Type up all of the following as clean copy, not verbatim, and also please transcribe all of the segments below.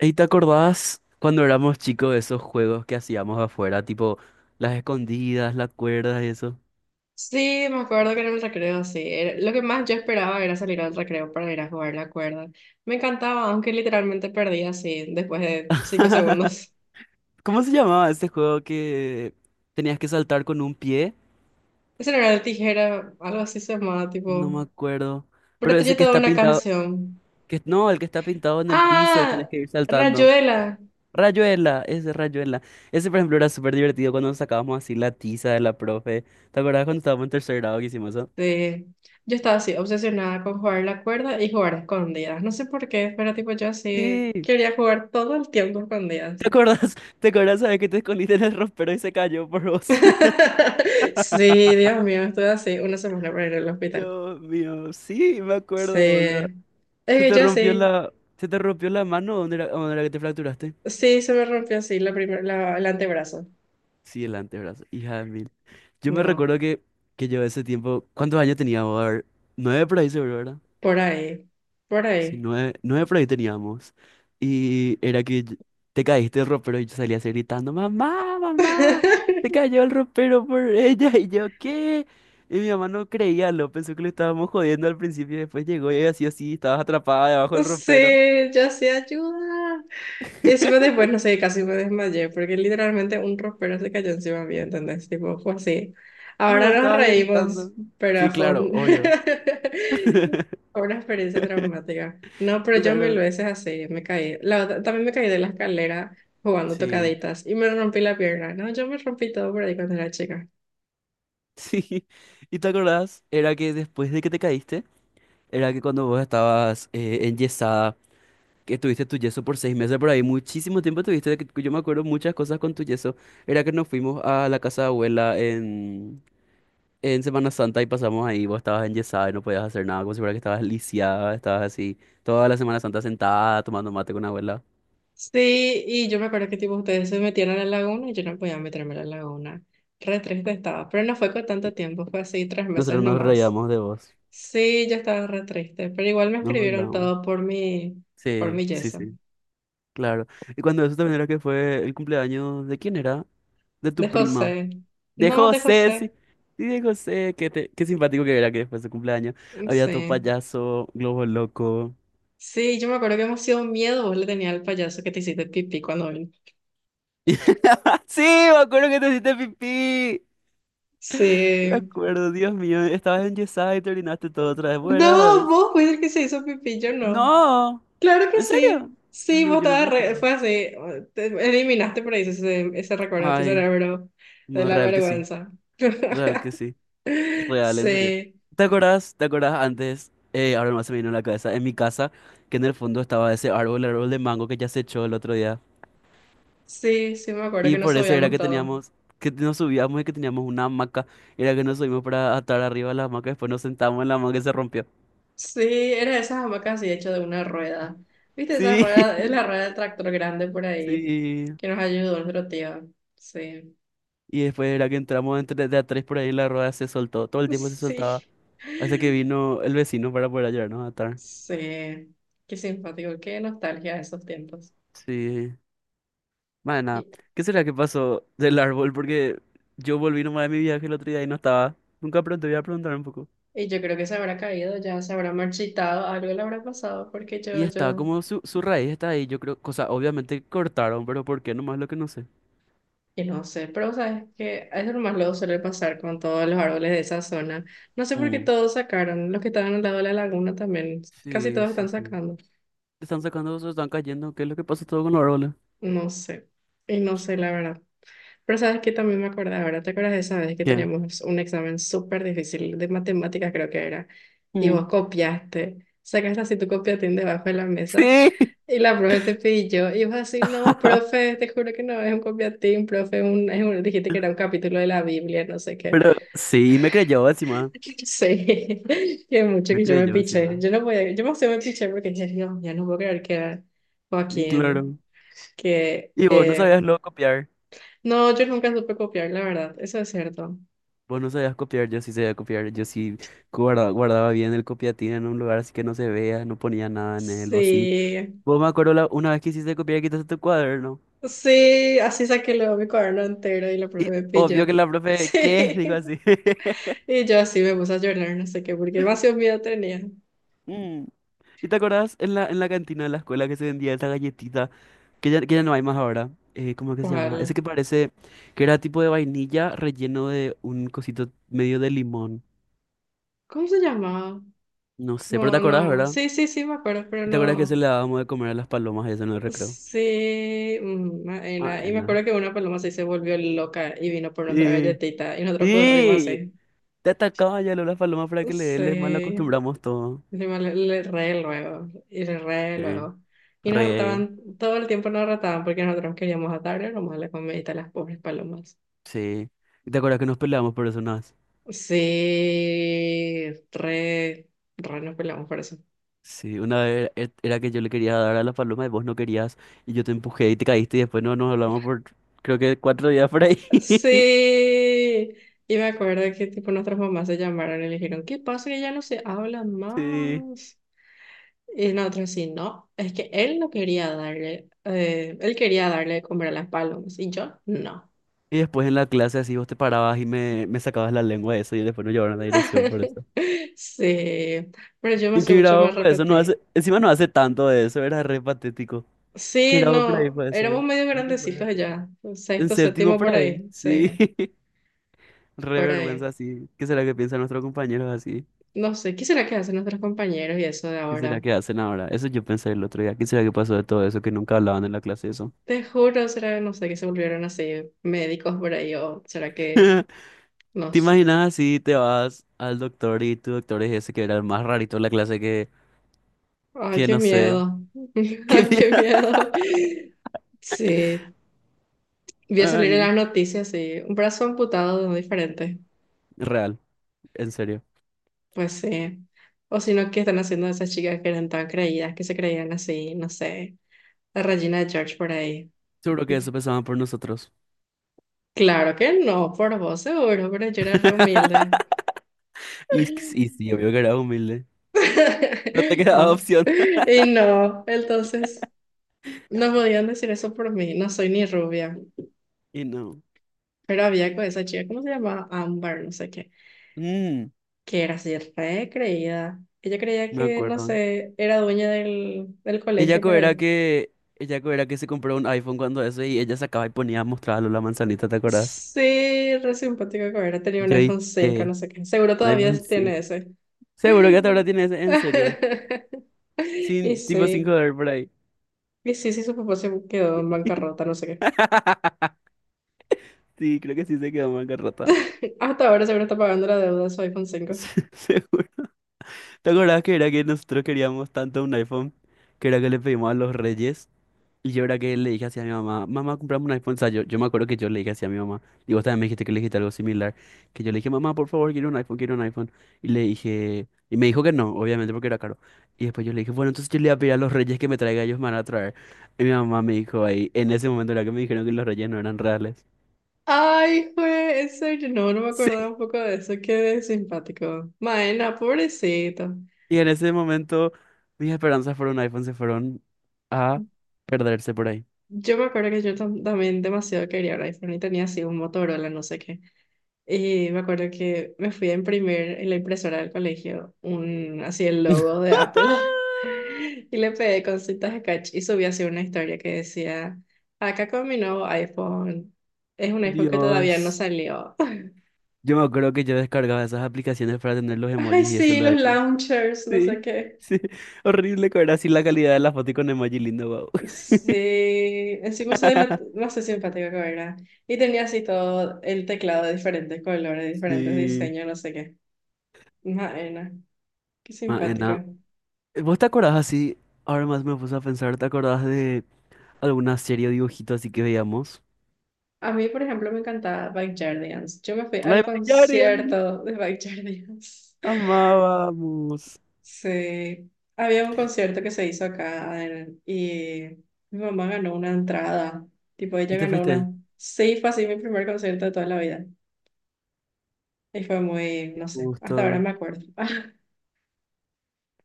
¿Y te acordás cuando éramos chicos de esos juegos que hacíamos afuera, tipo las escondidas, las cuerdas y eso? Sí, me acuerdo que era el recreo, sí. Lo que más yo esperaba era salir al recreo para ir a jugar la cuerda. Me encantaba, aunque literalmente perdía así después de 5 segundos. ¿Cómo se llamaba ese juego que tenías que saltar con un pie? Ese no era el tijera, algo así se llamaba, No tipo. me acuerdo. Pero Pero tenía ese que toda está una pintado, canción. que no, el que está pintado en el piso y tenés ¡Ah! que ir saltando. Rayuela. Rayuela. Ese, por ejemplo, era súper divertido cuando sacábamos así la tiza de la profe. ¿Te acordás cuando estábamos en tercer grado que hicimos eso? Sí. Yo estaba así, obsesionada con jugar la cuerda y jugar a escondidas. No sé por qué, pero tipo yo así Sí. quería jugar todo el tiempo a escondidas. ¿Te acordás? ¿Te acordás, sabes que te escondiste en el ropero y se cayó por vos? Sí, Dios mío, estuve así una semana para ir al hospital. Dios mío, sí, me Sí. acuerdo, boludo. Es Se que te yo rompió sí. la, Se te rompió la mano, dónde era que te fracturaste? Sí, se me rompió así el antebrazo. Sí, el antebrazo, hija de mil. Yo me No, recuerdo que yo ese tiempo, ¿cuántos años teníamos? A ver, 9 por ahí seguro, ¿verdad? por ahí. Por Sí, ahí. 9, 9 por ahí teníamos. Y era que yo- te caíste del ropero y yo salía así gritando, mamá, mamá, se cayó el ropero por ella. Y yo, ¿qué? Y mi mamá no creía, lo pensó que lo estábamos jodiendo al principio y después llegó y así así, estabas atrapada debajo del ropero. Sí, yo sí ayuda. Y encima después, no sé, casi me desmayé, porque literalmente un ropero se cayó encima mío, ¿entendés? Tipo, fue así. Pero Ahora vos nos estabas reímos, gritando. pero Sí, fue, claro, obvio. fue una experiencia traumática. No, pero yo mil Claro, veces así, me caí. También me caí de la escalera jugando sí. tocaditas y me rompí la pierna, ¿no? Yo me rompí todo por ahí cuando era chica. Sí. ¿Y te acordás? Era que después de que te caíste, era que cuando vos estabas enyesada, que tuviste tu yeso por 6 meses por ahí, muchísimo tiempo tuviste, de que yo me acuerdo muchas cosas con tu yeso. Era que nos fuimos a la casa de abuela en Semana Santa y pasamos ahí, vos estabas enyesada y no podías hacer nada, como si fuera que estabas lisiada, estabas así, toda la Semana Santa sentada tomando mate con abuela. Sí, y yo me acuerdo que tipo ustedes se metieron a la laguna y yo no podía meterme a la laguna. Re triste estaba, pero no fue con tanto tiempo, fue así 3 meses Nosotros nos nomás. reíamos de vos, Sí, yo estaba re triste, pero igual me nos escribieron burlábamos. todo por mi, por Sí, mi sí, yeso. sí, claro. Y cuando eso también era que fue el cumpleaños de ¿quién era? De De tu prima. José. De No, de José, sí. José. Sí, de José, qué, te- qué simpático que era que después de su cumpleaños había tu Sí. payaso, globo loco. Sí, yo me acuerdo que emoción miedo vos le tenías al payaso que te hiciste pipí cuando vino. Sí, me acuerdo que te hiciste pipí. Me Sí. acuerdo, Dios mío, estabas enyesada y te orinaste todo otra vez. No, Buenas. vos fuiste el que se hizo pipí, yo no. No, Claro que ¿en serio? sí. Sí, No, vos yo no me estabas re, acuerdo. fue así. Te eliminaste por ahí ese, ese recuerdo de tu Ay, cerebro de no, la real que sí, vergüenza. real que sí. Real, en serio. Sí, ¿Te acuerdas? ¿Te acuerdas antes? Ahora más se me vino a la cabeza. En mi casa, que en el fondo estaba ese árbol, el árbol de mango que ya se echó el otro día. sí, sí, me acuerdo Y que nos por eso era odiamos que todos. teníamos, que nos subíamos y que teníamos una hamaca. Era que nos subimos para atar arriba de la hamaca. Después nos sentamos en la hamaca y se rompió. Sí, era de esas hamacas así hecho de una rueda. ¿Viste esa Sí, rueda? Es la rueda del tractor grande por ahí sí. que nos ayudó nuestro tío. Sí. Y después era que entramos entre de a tres por ahí y la rueda se soltó. Todo el tiempo se soltaba. Sí. Hasta que vino el vecino para poder ayudarnos a atar. Sí. Qué simpático, qué nostalgia de esos tiempos. Sí. Y, Mana, ¿qué será que pasó del árbol? Porque yo volví nomás de mi viaje el otro día y no estaba. Nunca pregunté, voy a preguntar un poco. y yo creo que se habrá caído, ya se habrá marchitado, algo le habrá pasado, porque Y yo, está, yo, como su raíz está ahí, yo creo, cosa, obviamente cortaron, pero ¿por qué? Nomás lo que no sé. y no sé, pero sabes que es lo más luego suele pasar con todos los árboles de esa zona. No sé por qué Mm. todos sacaron, los que estaban al lado de la laguna también, casi Sí, todos sí, están sí. sacando. Están sacando, se están cayendo, ¿qué es lo que pasa todo con los árboles? No sé, y no sé la verdad. Pero sabes que también me acordé ahora, ¿te acuerdas de esa vez que ¿Qué? teníamos un examen súper difícil de matemáticas, creo que era? Y Mm. vos copiaste, sacaste así tu copiatín debajo de la mesa Sí. y la profe te pilló y vos así, no, profe, te juro que no es un copiatín, profe, dijiste que era un capítulo de la Biblia, no sé qué. Pero sí, me creyó encima, Sí, que mucho me que yo me creyó piché, encima. yo no podía, yo más me piché porque dije, Dios, ya no puedo creer que Y Joaquín, claro. que... Y vos no sabías eh, luego copiar. No, yo nunca supe copiar, la verdad, eso es cierto. Vos no sabías copiar, yo sí sabía copiar, yo sí guarda- guardaba, bien el copiatín en un lugar así que no se vea, no ponía nada en él, o así. Sí, Vos me acuerdo una vez que hiciste copiar, y quitaste tu cuaderno. sí, así saqué luego mi cuaderno entero y la profe Y me obvio que pilló. la profe, ¿qué? Dijo Sí, así. y yo así me puse a llorar, no sé qué, porque demasiado miedo tenía. Mm. ¿Y te acordás en la cantina de la escuela que se vendía esa galletita, que ya no hay más ahora? ¿Cómo es que se llama? Ese ¿Cuál? que parece que era tipo de vainilla relleno de un cosito medio de limón. ¿Cómo se llamaba? No sé, pero te No, acordás, no, ¿verdad? sí, sí, sí, me acuerdo, pero ¿Y te acordás que se no. le dábamos de comer a las palomas eso en el recreo? Sí, mm, Ah, Maena. Y me acuerdo que una paloma sí se volvió loca y vino por nuestra sí, galletita y nosotros corrimos sí, así. te atacaba ya la paloma para que le dé, Sí, le mal acostumbramos todo. encima le re luego, y le re Sí, luego. Y nos re, retaban, todo el tiempo nos retaban porque nosotros queríamos atarle nomás la comidita a las pobres palomas. sí. ¿Y te acuerdas que nos peleamos por eso una vez? Sí, re, re nos peleamos por eso. Sí, una vez e- era que yo le quería dar a la paloma y vos no querías y yo te empujé y te caíste y después no nos hablamos por creo que 4 días por ahí. Sí, y me acuerdo que tipo nuestras mamás se llamaron y le dijeron, ¿qué pasa que ya no se hablan Sí. más? Y nosotros sí, no, es que él no quería darle, él quería darle de comer a las palomas y yo no. Y después en la clase así vos te parabas y me sacabas la lengua de eso y después nos llevaron a la dirección por eso. Sí, pero yo me ¿En hace qué mucho me grado fue eso? No repetí. hace, encima no hace tanto de eso, era re patético. ¿Qué Sí, grado por ahí no, fue éramos eso? medio Creo que fue. grandecitos ya, En sexto, séptimo séptimo por por ahí, ahí, sí. sí, Re por ahí. vergüenza, sí. ¿Qué será que piensan nuestros compañeros así? No sé, ¿qué será que hacen nuestros compañeros y eso de ¿Qué será ahora? que hacen ahora? Eso yo pensé el otro día. ¿Qué será que pasó de todo eso que nunca hablaban en la clase eso? Te juro, será, no sé, que se volvieron así médicos por ahí o será que, ¿Te no sé. imaginas así? Te vas al doctor y tu doctor es ese que era el más rarito de la clase Ay, que qué no sé. miedo, ¿Qué ay, qué mierda? miedo. Sí, voy a salir en Ay, las noticias, sí, un brazo amputado de un diferente. real, en serio. Pues sí. O si no, ¿qué están haciendo esas chicas que eran tan creídas, que se creían así, no sé, la Regina de George por ahí? Seguro que eso Y, pensaban por nosotros. claro que no, por vos seguro, pero yo era re humilde. Y, y sí, obvio que era humilde. No te Ah. quedaba opción. Y no, entonces no podían decir eso por mí, no soy ni rubia. Y no. Pero había con esa chica, ¿cómo se llamaba? Amber, no sé qué, Mm, que era así re creída. Ella creía me que, no acuerdo. sé, era dueña del, del Ella colegio co- por era ahí. que, ella co- era que se compró un iPhone cuando eso y ella sacaba y ponía a mostrarlo la manzanita, ¿te acordás? Sí, re simpático que hubiera tenido un Yo iPhone 5, te no sé qué. Seguro todavía iPhone tiene 5. ese. Seguro que hasta ahora tiene ese, en serio. Y Sin, tipo 5 sí, dólares por ahí. y sí, sí, su papá se quedó en bancarrota, no sé qué. Sí, creo que sí se quedó en bancarrota. Hasta ahora seguro está pagando la deuda de su iPhone 5. Seguro. ¿Te acordás que era que nosotros queríamos tanto un iPhone? Que era que le pedimos a los reyes. Y yo era que le dije así a mi mamá, mamá, comprame un iPhone. O sea, yo me acuerdo que yo le dije así a mi mamá, y vos también me dijiste que le dijiste algo similar, que yo le dije, mamá, por favor, quiero un iPhone, quiero un iPhone. Y le dije, y me dijo que no, obviamente porque era caro. Y después yo le dije, bueno, entonces yo le voy a pedir a los reyes que me traiga, ellos me van a traer. Y mi mamá me dijo ahí, en ese momento era que me dijeron que los reyes no eran reales. Ay, fue, en serio, no, no me acordaba Sí. un poco de eso, qué simpático. Maena, pobrecito. Y en ese momento mis esperanzas por un iPhone se fueron a perderse por ahí. Yo me acuerdo que yo tam- también demasiado quería un iPhone y tenía así un Motorola, no sé qué. Y me acuerdo que me fui a imprimir en la impresora del colegio un, así el logo de Apple y le pegué con cintas scotch y subí así una historia que decía, acá con mi nuevo iPhone, es un iPhone que todavía no Dios. salió. Yo me acuerdo que yo descargaba esas aplicaciones para tener los Ay, emojis y eso en sí, los los iPhone. launchers, no sé Sí, qué. sí. Horrible que era así la calidad de la foto y con emoji lindo, wow. Sí, encima soy la más simpática que era. Y tenía así todo el teclado de diferentes colores, diferentes Sí. diseños, no sé qué. Maena, qué Maena. simpática. ¿Vos te acordás así? Ahora más me puse a pensar, ¿te acordás de alguna serie o dibujito así que veíamos? A mí, por ejemplo, me encantaba Backyardigans. Yo me fui ¡Ay, al Evangelion! concierto de Backyardigans. Amábamos. Sí, había un concierto que se hizo acá, y mi mamá ganó una entrada. Tipo, ella ¿Y te ganó fuiste? una. Sí, fue así mi primer concierto de toda la vida. Y fue muy, Qué no sé, hasta ahora gusto. me acuerdo.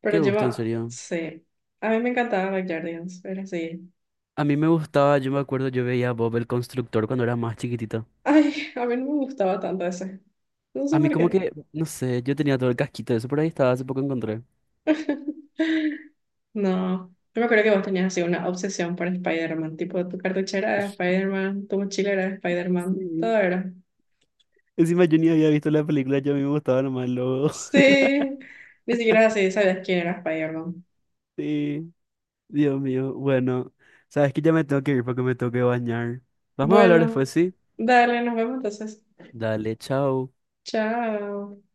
Pero Qué gusto, en serio. sí, a mí me encantaba Backyardigans. Era así. A mí me gustaba, yo me acuerdo, yo veía a Bob el Constructor cuando era más chiquitito. Ay, a mí no me gustaba tanto ese. No A sé mí por como qué. que, no sé, yo tenía todo el casquito de eso por ahí, estaba, hace poco encontré. No, yo me acuerdo que vos tenías así una obsesión por Spider-Man, tipo tu cartuchera era de Spider-Man, tu mochila era de Spider-Man, Sí. todo era. Encima yo ni había visto la película, yo a mí me gustaba nomás el logo. Sí, ni siquiera así sabías quién era Spider-Man. Sí, Dios mío. Bueno, sabes que ya me tengo que ir porque me tengo que bañar. Vamos a hablar Bueno, después, ¿sí? dale, nos vemos entonces. Dale, chao. Chao.